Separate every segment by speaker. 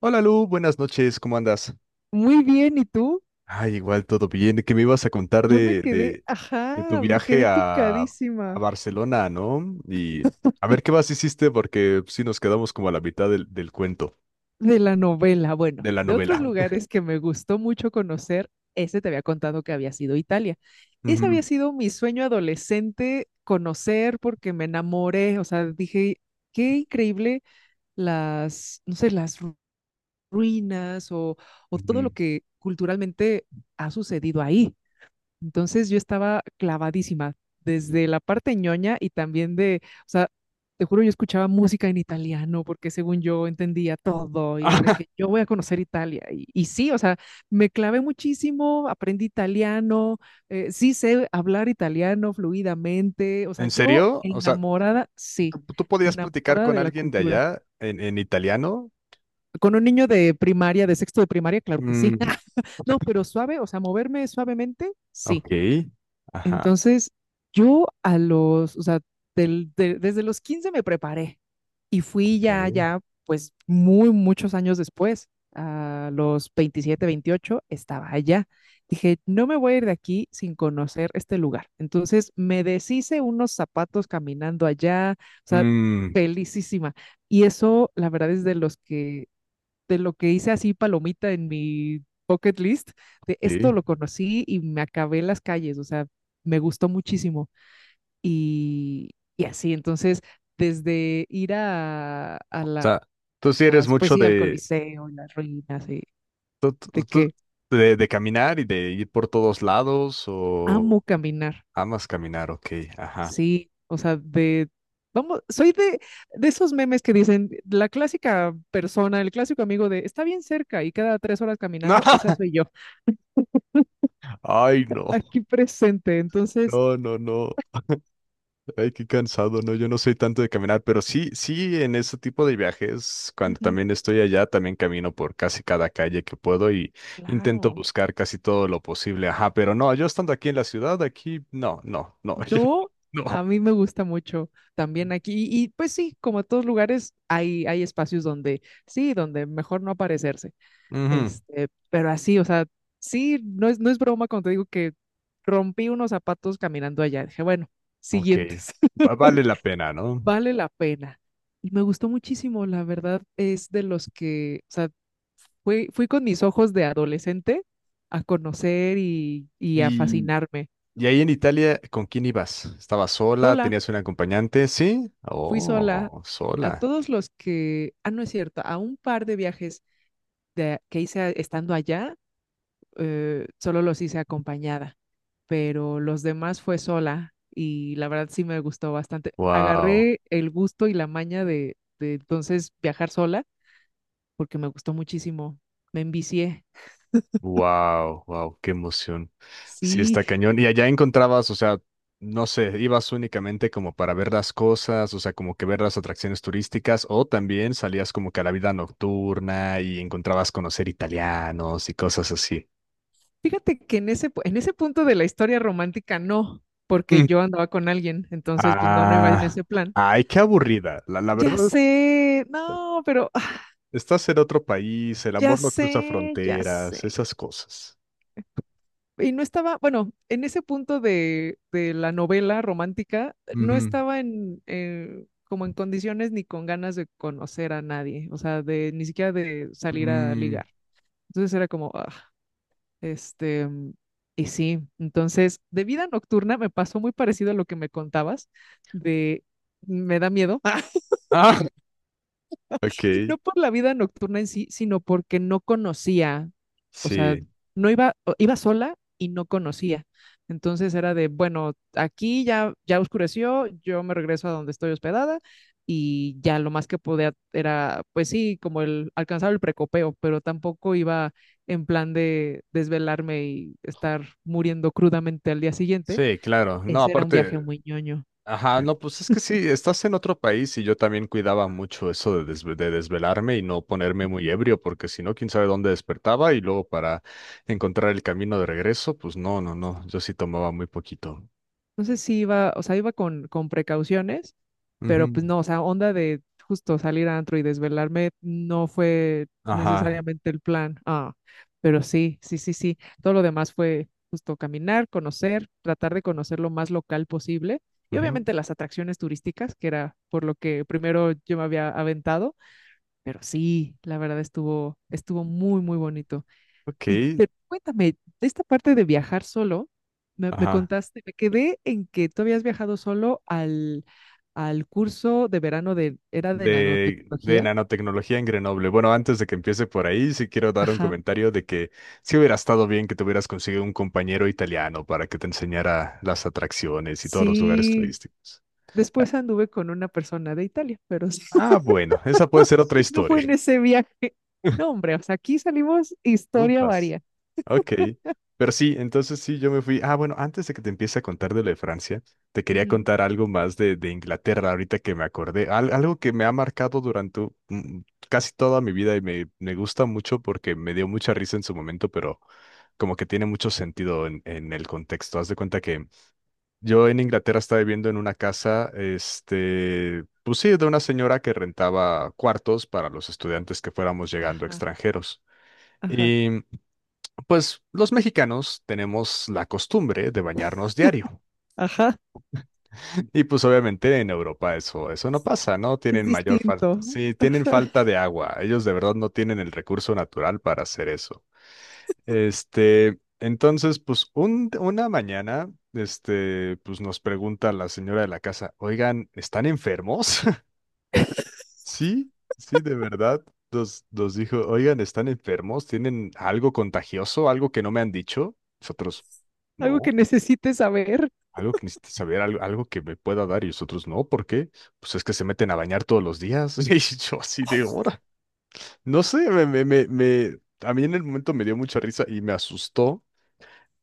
Speaker 1: Hola Lu, buenas noches, ¿cómo andas?
Speaker 2: Muy bien, ¿y tú?
Speaker 1: Ay, igual todo bien. ¿Qué me ibas a contar
Speaker 2: Yo me quedé,
Speaker 1: de tu
Speaker 2: ajá, me
Speaker 1: viaje
Speaker 2: quedé
Speaker 1: a
Speaker 2: picadísima
Speaker 1: Barcelona, ¿no? Y a ver qué más hiciste, porque sí nos quedamos como a la mitad del cuento,
Speaker 2: de la novela. Bueno,
Speaker 1: de la
Speaker 2: de otros
Speaker 1: novela.
Speaker 2: lugares que me gustó mucho conocer, ese te había contado que había sido Italia. Ese había
Speaker 1: Ujú,
Speaker 2: sido mi sueño adolescente, conocer porque me enamoré, o sea, dije, qué increíble las, no sé, ruinas o todo
Speaker 1: ujú.
Speaker 2: lo que culturalmente ha sucedido ahí. Entonces yo estaba clavadísima desde la parte ñoña y también de, o sea, te juro, yo escuchaba música en italiano porque según yo entendía todo y era de
Speaker 1: Ah,
Speaker 2: que yo voy a conocer Italia. Y sí, o sea, me clavé muchísimo, aprendí italiano, sí sé hablar italiano fluidamente, o sea,
Speaker 1: ¿en
Speaker 2: yo
Speaker 1: serio? O sea,
Speaker 2: enamorada, sí,
Speaker 1: ¿tú podías platicar
Speaker 2: enamorada
Speaker 1: con
Speaker 2: de la
Speaker 1: alguien de
Speaker 2: cultura.
Speaker 1: allá en italiano?
Speaker 2: Con un niño de primaria, de sexto de primaria, claro que
Speaker 1: Mm,
Speaker 2: sí. No, pero suave, o sea, moverme suavemente, sí.
Speaker 1: ok, ajá,
Speaker 2: Entonces, yo a los, o sea, desde los 15 me preparé y fui
Speaker 1: ok.
Speaker 2: pues muy, muchos años después, a los 27, 28 estaba allá. Dije, no me voy a ir de aquí sin conocer este lugar. Entonces, me deshice unos zapatos caminando allá, o sea,
Speaker 1: Mm,
Speaker 2: felicísima. Y eso, la verdad, es de los que de lo que hice así palomita en mi bucket list, de
Speaker 1: ok.
Speaker 2: esto lo conocí y me acabé en las calles, o sea, me gustó muchísimo. Y, y así, entonces, desde ir a
Speaker 1: O
Speaker 2: las,
Speaker 1: sea, tú sí eres
Speaker 2: pues
Speaker 1: mucho
Speaker 2: sí, al
Speaker 1: de
Speaker 2: Coliseo, y las ruinas, y
Speaker 1: ¿Tú-
Speaker 2: de
Speaker 1: tú-
Speaker 2: que
Speaker 1: ¿De, de caminar y de ir por todos lados o
Speaker 2: amo caminar,
Speaker 1: amas caminar? Ok, ajá.
Speaker 2: sí, o sea, de... Vamos, soy de esos memes que dicen la clásica persona, el clásico amigo de está bien cerca y cada 3 horas caminando, esa soy yo,
Speaker 1: Ay, no,
Speaker 2: aquí presente. Entonces,
Speaker 1: no, no, no. Ay, qué cansado, no, yo no soy tanto de caminar, pero sí, sí, en ese tipo de viajes, cuando
Speaker 2: ujú,
Speaker 1: también estoy allá, también camino por casi cada calle que puedo y intento
Speaker 2: claro,
Speaker 1: buscar casi todo lo posible, ajá, pero no, yo estando aquí en la ciudad, aquí, no, no, no,
Speaker 2: no, a
Speaker 1: no.
Speaker 2: mí me gusta mucho también aquí. Pues sí, como en todos lugares, hay espacios donde sí, donde mejor no aparecerse.
Speaker 1: Ujú,
Speaker 2: Este, pero así, o sea, sí, no es broma cuando te digo que rompí unos zapatos caminando allá. Dije, bueno,
Speaker 1: ok,
Speaker 2: siguientes,
Speaker 1: vale la pena, ¿no?
Speaker 2: vale la pena. Y me gustó muchísimo, la verdad, es de los que, o sea, fui con mis ojos de adolescente a conocer y a
Speaker 1: y
Speaker 2: fascinarme.
Speaker 1: Y ahí en Italia, ¿con quién ibas? ¿Estabas sola?
Speaker 2: Sola
Speaker 1: ¿Tenías un acompañante? Sí.
Speaker 2: fui sola
Speaker 1: Oh,
Speaker 2: a
Speaker 1: sola.
Speaker 2: todos los que, ah, no es cierto, a un par de viajes de, que hice estando allá, solo los hice acompañada, pero los demás fue sola y la verdad sí me gustó bastante.
Speaker 1: Wow,
Speaker 2: Agarré el gusto y la maña de entonces viajar sola porque me gustó muchísimo, me envicié.
Speaker 1: wow, wow, qué emoción. Sí,
Speaker 2: Sí,
Speaker 1: está cañón. Y allá encontrabas, o sea, no sé, ibas únicamente como para ver las cosas, o sea, como que ver las atracciones turísticas, o también salías como que a la vida nocturna y encontrabas conocer italianos y cosas así.
Speaker 2: fíjate que en ese, en ese punto de la historia romántica no, porque
Speaker 1: Mm.
Speaker 2: yo andaba con alguien, entonces pues no, no iba en
Speaker 1: Ah,
Speaker 2: ese plan.
Speaker 1: ay, qué aburrida. La
Speaker 2: Ya
Speaker 1: verdad, es-
Speaker 2: sé, no, pero
Speaker 1: estás en otro país, el
Speaker 2: ya
Speaker 1: amor no cruza
Speaker 2: sé, ya sé.
Speaker 1: fronteras, esas cosas.
Speaker 2: Y no estaba, bueno, en ese punto de la novela romántica, no
Speaker 1: Ujú.
Speaker 2: estaba en, como en condiciones ni con ganas de conocer a nadie, o sea, de ni siquiera de salir a
Speaker 1: Mm.
Speaker 2: ligar. Entonces era como, ah, este, y sí, entonces de vida nocturna me pasó muy parecido a lo que me contabas, de me da miedo,
Speaker 1: Ah, ok,
Speaker 2: Y no por la vida nocturna en sí, sino porque no conocía, o sea,
Speaker 1: sí,
Speaker 2: no iba, iba sola y no conocía. Entonces era de, bueno, aquí ya, ya oscureció, yo me regreso a donde estoy hospedada y ya lo más que podía era, pues sí, como el alcanzar el precopeo, pero tampoco iba en plan de desvelarme y estar muriendo crudamente al día siguiente.
Speaker 1: sí, claro. No,
Speaker 2: Ese era un
Speaker 1: aparte,
Speaker 2: viaje muy ñoño.
Speaker 1: ajá, no, pues es que sí, estás en otro país y yo también cuidaba mucho eso de, de desvelarme y no ponerme muy
Speaker 2: Ujú.
Speaker 1: ebrio, porque si no, quién sabe dónde despertaba y luego para encontrar el camino de regreso, pues no, no, no, yo sí tomaba muy poquito.
Speaker 2: Entonces sí iba, o sea, iba con precauciones pero
Speaker 1: Ujú.
Speaker 2: pues no, o sea, onda de justo salir a antro y desvelarme no fue
Speaker 1: Ajá,
Speaker 2: necesariamente el plan. Ah, pero sí, sí, sí, sí. Todo lo demás fue justo caminar, conocer, tratar de conocer lo más local posible y
Speaker 1: ujú,
Speaker 2: obviamente las atracciones turísticas, que era por lo que primero yo me había aventado, pero sí, la verdad estuvo estuvo muy muy bonito. Y
Speaker 1: ok,
Speaker 2: pero cuéntame, de esta parte de viajar solo, me
Speaker 1: ajá.
Speaker 2: contaste, me quedé en que tú habías viajado solo al, al curso de verano de, era de
Speaker 1: De
Speaker 2: nanotecnología.
Speaker 1: nanotecnología en Grenoble. Bueno, antes de que empiece por ahí, sí quiero dar un
Speaker 2: Ajá.
Speaker 1: comentario de que sí hubiera estado bien que te hubieras conseguido un compañero italiano para que te enseñara las atracciones y todos los lugares
Speaker 2: Sí.
Speaker 1: turísticos.
Speaker 2: Después anduve con una persona de Italia, pero sí,
Speaker 1: Ah, bueno, esa puede ser otra
Speaker 2: no fue
Speaker 1: historia.
Speaker 2: en ese viaje. No, hombre, o sea, aquí salimos historia
Speaker 1: Ufas.
Speaker 2: varia.
Speaker 1: Ok, pero sí, entonces sí, yo me fui. Ah, bueno, antes de que te empiece a contar de lo de Francia, te quería
Speaker 2: Ujú.
Speaker 1: contar algo más de Inglaterra, ahorita que me acordé, algo que me ha marcado durante mm, casi toda mi vida y me gusta mucho porque me dio mucha risa en su momento, pero como que tiene mucho sentido en el contexto. Haz de cuenta que yo en Inglaterra estaba viviendo en una casa, este, pues sí, de una señora que rentaba cuartos para los estudiantes que fuéramos llegando
Speaker 2: Ajá,
Speaker 1: extranjeros.
Speaker 2: ajá,
Speaker 1: Pues los mexicanos tenemos la costumbre de bañarnos diario.
Speaker 2: ajá.
Speaker 1: Y pues obviamente en Europa eso, eso no pasa, ¿no?
Speaker 2: Es
Speaker 1: Tienen mayor falta.
Speaker 2: distinto.
Speaker 1: Sí, tienen
Speaker 2: Ajá.
Speaker 1: falta de agua. Ellos de verdad no tienen el recurso natural para hacer eso. Este, entonces, pues una mañana, este, pues nos pregunta la señora de la casa, oigan, ¿están enfermos? Sí, sí, de verdad. Nos dijo, oigan, ¿están enfermos? ¿Tienen algo contagioso? ¿Algo que no me han dicho? Nosotros,
Speaker 2: Algo que
Speaker 1: no.
Speaker 2: necesites saber.
Speaker 1: Algo que necesito saber, algo, algo que me pueda dar y los otros no, ¿por qué? Pues es que se meten a bañar todos los días. Y yo así de hora. No sé, a mí en el momento me dio mucha risa y me asustó.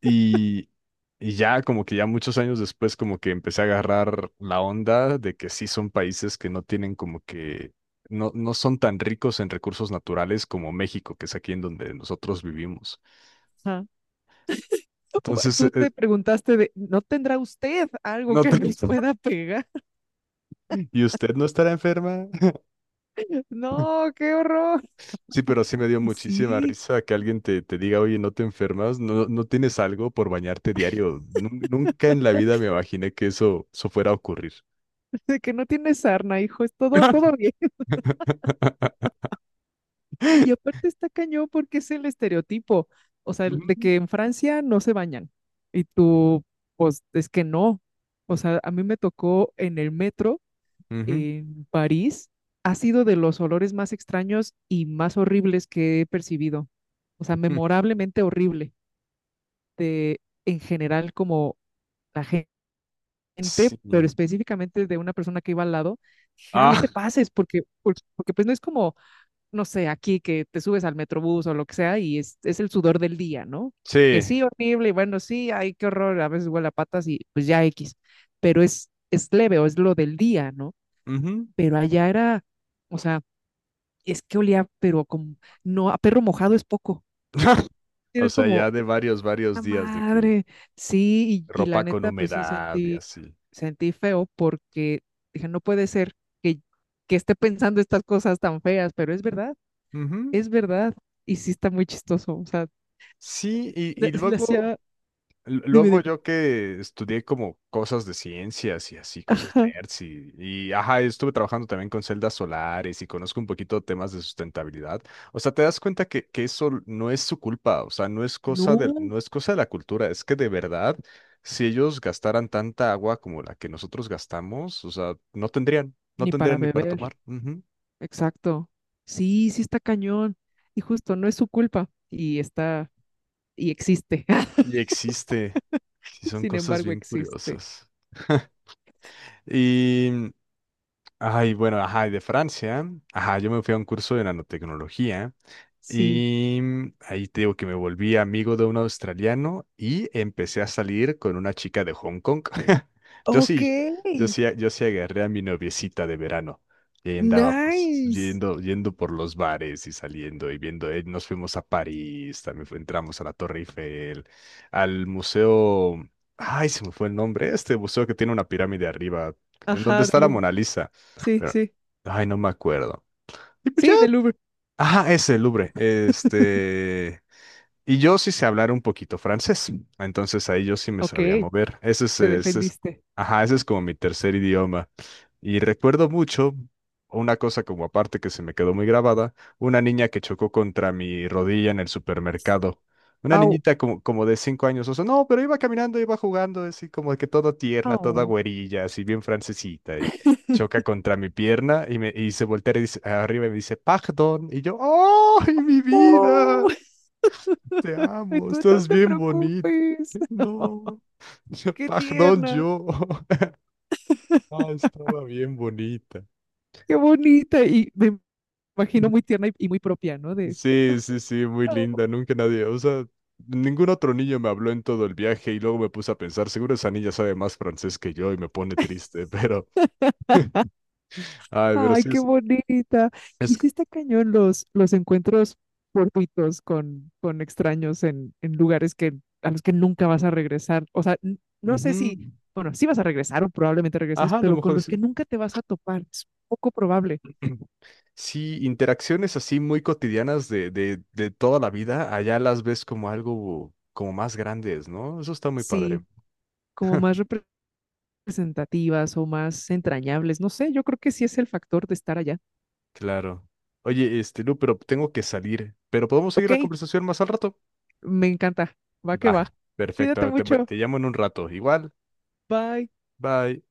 Speaker 1: Y, y ya como que ya muchos años después como que empecé a agarrar la onda de que sí son países que no tienen como que, no, no son tan ricos en recursos naturales como México, que es aquí en donde nosotros vivimos.
Speaker 2: Ajá.
Speaker 1: Entonces,
Speaker 2: Tú te preguntaste de, ¿no tendrá usted algo
Speaker 1: no
Speaker 2: que
Speaker 1: te-
Speaker 2: nos pueda pegar?
Speaker 1: ¿Y usted no estará enferma?
Speaker 2: No, qué horror.
Speaker 1: Sí, pero sí me dio
Speaker 2: Y
Speaker 1: muchísima
Speaker 2: sí,
Speaker 1: risa que alguien te diga, oye, no te enfermas, no, no tienes algo por bañarte diario. Nunca en la vida me imaginé que eso fuera a ocurrir.
Speaker 2: de que no tiene sarna, hijo, es todo, todo bien. Y aparte está cañón porque es el estereotipo, o sea, el de
Speaker 1: Ujú,
Speaker 2: que en Francia no se bañan. Y tú, pues, es que no. O sea, a mí me tocó en el metro
Speaker 1: ujú,
Speaker 2: en París, ha sido de los olores más extraños y más horribles que he percibido. O sea,
Speaker 1: ujú.
Speaker 2: memorablemente horrible de en general como la gente,
Speaker 1: Sí.
Speaker 2: pero específicamente de una persona que iba al lado, dije, ah, no
Speaker 1: Ah,
Speaker 2: te pases, porque, porque pues no es como, no sé, aquí que te subes al metrobús o lo que sea y es el sudor del día, ¿no? Que
Speaker 1: sí.
Speaker 2: sí, horrible, y bueno, sí, ay, qué horror, a veces huele a patas y pues ya X, pero es leve o es lo del día, ¿no?
Speaker 1: Ujú.
Speaker 2: Pero allá era, o sea, es que olía, pero como, no, a perro mojado es poco.
Speaker 1: O
Speaker 2: Era
Speaker 1: sea,
Speaker 2: como,
Speaker 1: ya de varios, varios
Speaker 2: la
Speaker 1: días de que
Speaker 2: madre. Sí, y la
Speaker 1: ropa con
Speaker 2: neta, pues sí
Speaker 1: humedad y
Speaker 2: sentí,
Speaker 1: así.
Speaker 2: sentí feo porque dije, no puede ser que, que esté pensando estas cosas tan feas, pero es verdad,
Speaker 1: Ujú.
Speaker 2: es verdad. Y sí está muy chistoso. O sea,
Speaker 1: Sí, y
Speaker 2: se le hacía,
Speaker 1: luego
Speaker 2: dime,
Speaker 1: luego
Speaker 2: dime.
Speaker 1: yo que estudié como cosas de ciencias y así, cosas
Speaker 2: Ajá.
Speaker 1: nerds y, ajá, estuve trabajando también con celdas solares y conozco un poquito temas de sustentabilidad. O sea, te das cuenta que eso no es su culpa, o sea, no es cosa de,
Speaker 2: No,
Speaker 1: no es cosa de la cultura, es que de verdad, si ellos gastaran tanta agua como la que nosotros gastamos, o sea, no tendrían, no
Speaker 2: ni para
Speaker 1: tendrían ni para
Speaker 2: beber.
Speaker 1: tomar. Ujú.
Speaker 2: Exacto. Sí, sí está cañón. Y justo, no es su culpa. Y está, y existe.
Speaker 1: Y existe, sí, son
Speaker 2: Sin
Speaker 1: cosas
Speaker 2: embargo,
Speaker 1: bien
Speaker 2: existe.
Speaker 1: curiosas. y Ay, bueno, ajá, y de Francia, ajá, yo me fui a un curso de nanotecnología.
Speaker 2: Sí.
Speaker 1: Y ahí te digo que me volví amigo de un australiano y empecé a salir con una chica de Hong Kong. Yo
Speaker 2: Ok.
Speaker 1: sí, yo sí agarré a mi noviecita de verano. Y ahí andábamos
Speaker 2: Nice.
Speaker 1: yendo, yendo por los bares y saliendo y viendo. Nos fuimos a París, también entramos a la Torre Eiffel, al museo. Ay, se me fue el nombre. Este museo que tiene una pirámide arriba, en donde
Speaker 2: Ajá,
Speaker 1: está la
Speaker 2: del
Speaker 1: Mona Lisa.
Speaker 2: sí,
Speaker 1: Pero,
Speaker 2: sí.
Speaker 1: ay, no me acuerdo. Y pues
Speaker 2: Sí, del Uber.
Speaker 1: ajá, ese, Louvre. Este. Y yo sí sé hablar un poquito francés, entonces ahí yo sí me
Speaker 2: Ok,
Speaker 1: sabía mover.
Speaker 2: te defendiste.
Speaker 1: Ajá, ese es como mi tercer idioma. Y recuerdo mucho una cosa como aparte que se me quedó muy grabada, una niña que chocó contra mi rodilla en el supermercado. Una
Speaker 2: Au,
Speaker 1: niñita como de cinco años o sea, no, pero iba caminando, iba jugando, así como que toda tierna, toda
Speaker 2: au.
Speaker 1: güerilla, así bien francesita, y choca contra mi pierna y, y se voltea y dice, arriba y me dice, pardon, y yo, ¡ay, mi vida!
Speaker 2: Oh,
Speaker 1: Te
Speaker 2: y
Speaker 1: amo,
Speaker 2: tú no
Speaker 1: estás
Speaker 2: te
Speaker 1: bien bonita.
Speaker 2: preocupes.
Speaker 1: No,
Speaker 2: Qué
Speaker 1: perdón,
Speaker 2: tierna,
Speaker 1: yo. Ah, estaba bien bonita.
Speaker 2: qué bonita. Y me imagino muy tierna y muy propia, ¿no? De,
Speaker 1: Sí, sí, sí, muy
Speaker 2: "Au".
Speaker 1: linda. Nunca nadie, o sea, ningún otro niño me habló en todo el viaje y luego me puse a pensar, seguro esa niña sabe más francés que yo y me pone triste, pero, ay, pero
Speaker 2: Ay,
Speaker 1: sí
Speaker 2: qué
Speaker 1: es,
Speaker 2: bonita.
Speaker 1: es,
Speaker 2: Y sí está cañón los encuentros fortuitos con extraños en lugares que, a los que nunca vas a regresar. O sea, no sé
Speaker 1: ujú.
Speaker 2: si, bueno, sí vas a regresar o probablemente regreses,
Speaker 1: Ajá, a lo
Speaker 2: pero con
Speaker 1: mejor
Speaker 2: los que
Speaker 1: sí.
Speaker 2: nunca te vas a topar. Es poco probable.
Speaker 1: Sí, interacciones así muy cotidianas de toda la vida, allá las ves como algo como más grandes, ¿no? Eso está muy padre.
Speaker 2: Sí, como más representativas o más entrañables. No sé, yo creo que sí es el factor de estar allá.
Speaker 1: Claro. Oye, este, Lu, pero tengo que salir. Pero podemos seguir
Speaker 2: Ok,
Speaker 1: la conversación más al rato.
Speaker 2: me encanta. Va que
Speaker 1: Va,
Speaker 2: va. Cuídate
Speaker 1: perfecto.
Speaker 2: mucho.
Speaker 1: Te llamo en un rato. Igual.
Speaker 2: Bye.
Speaker 1: Bye.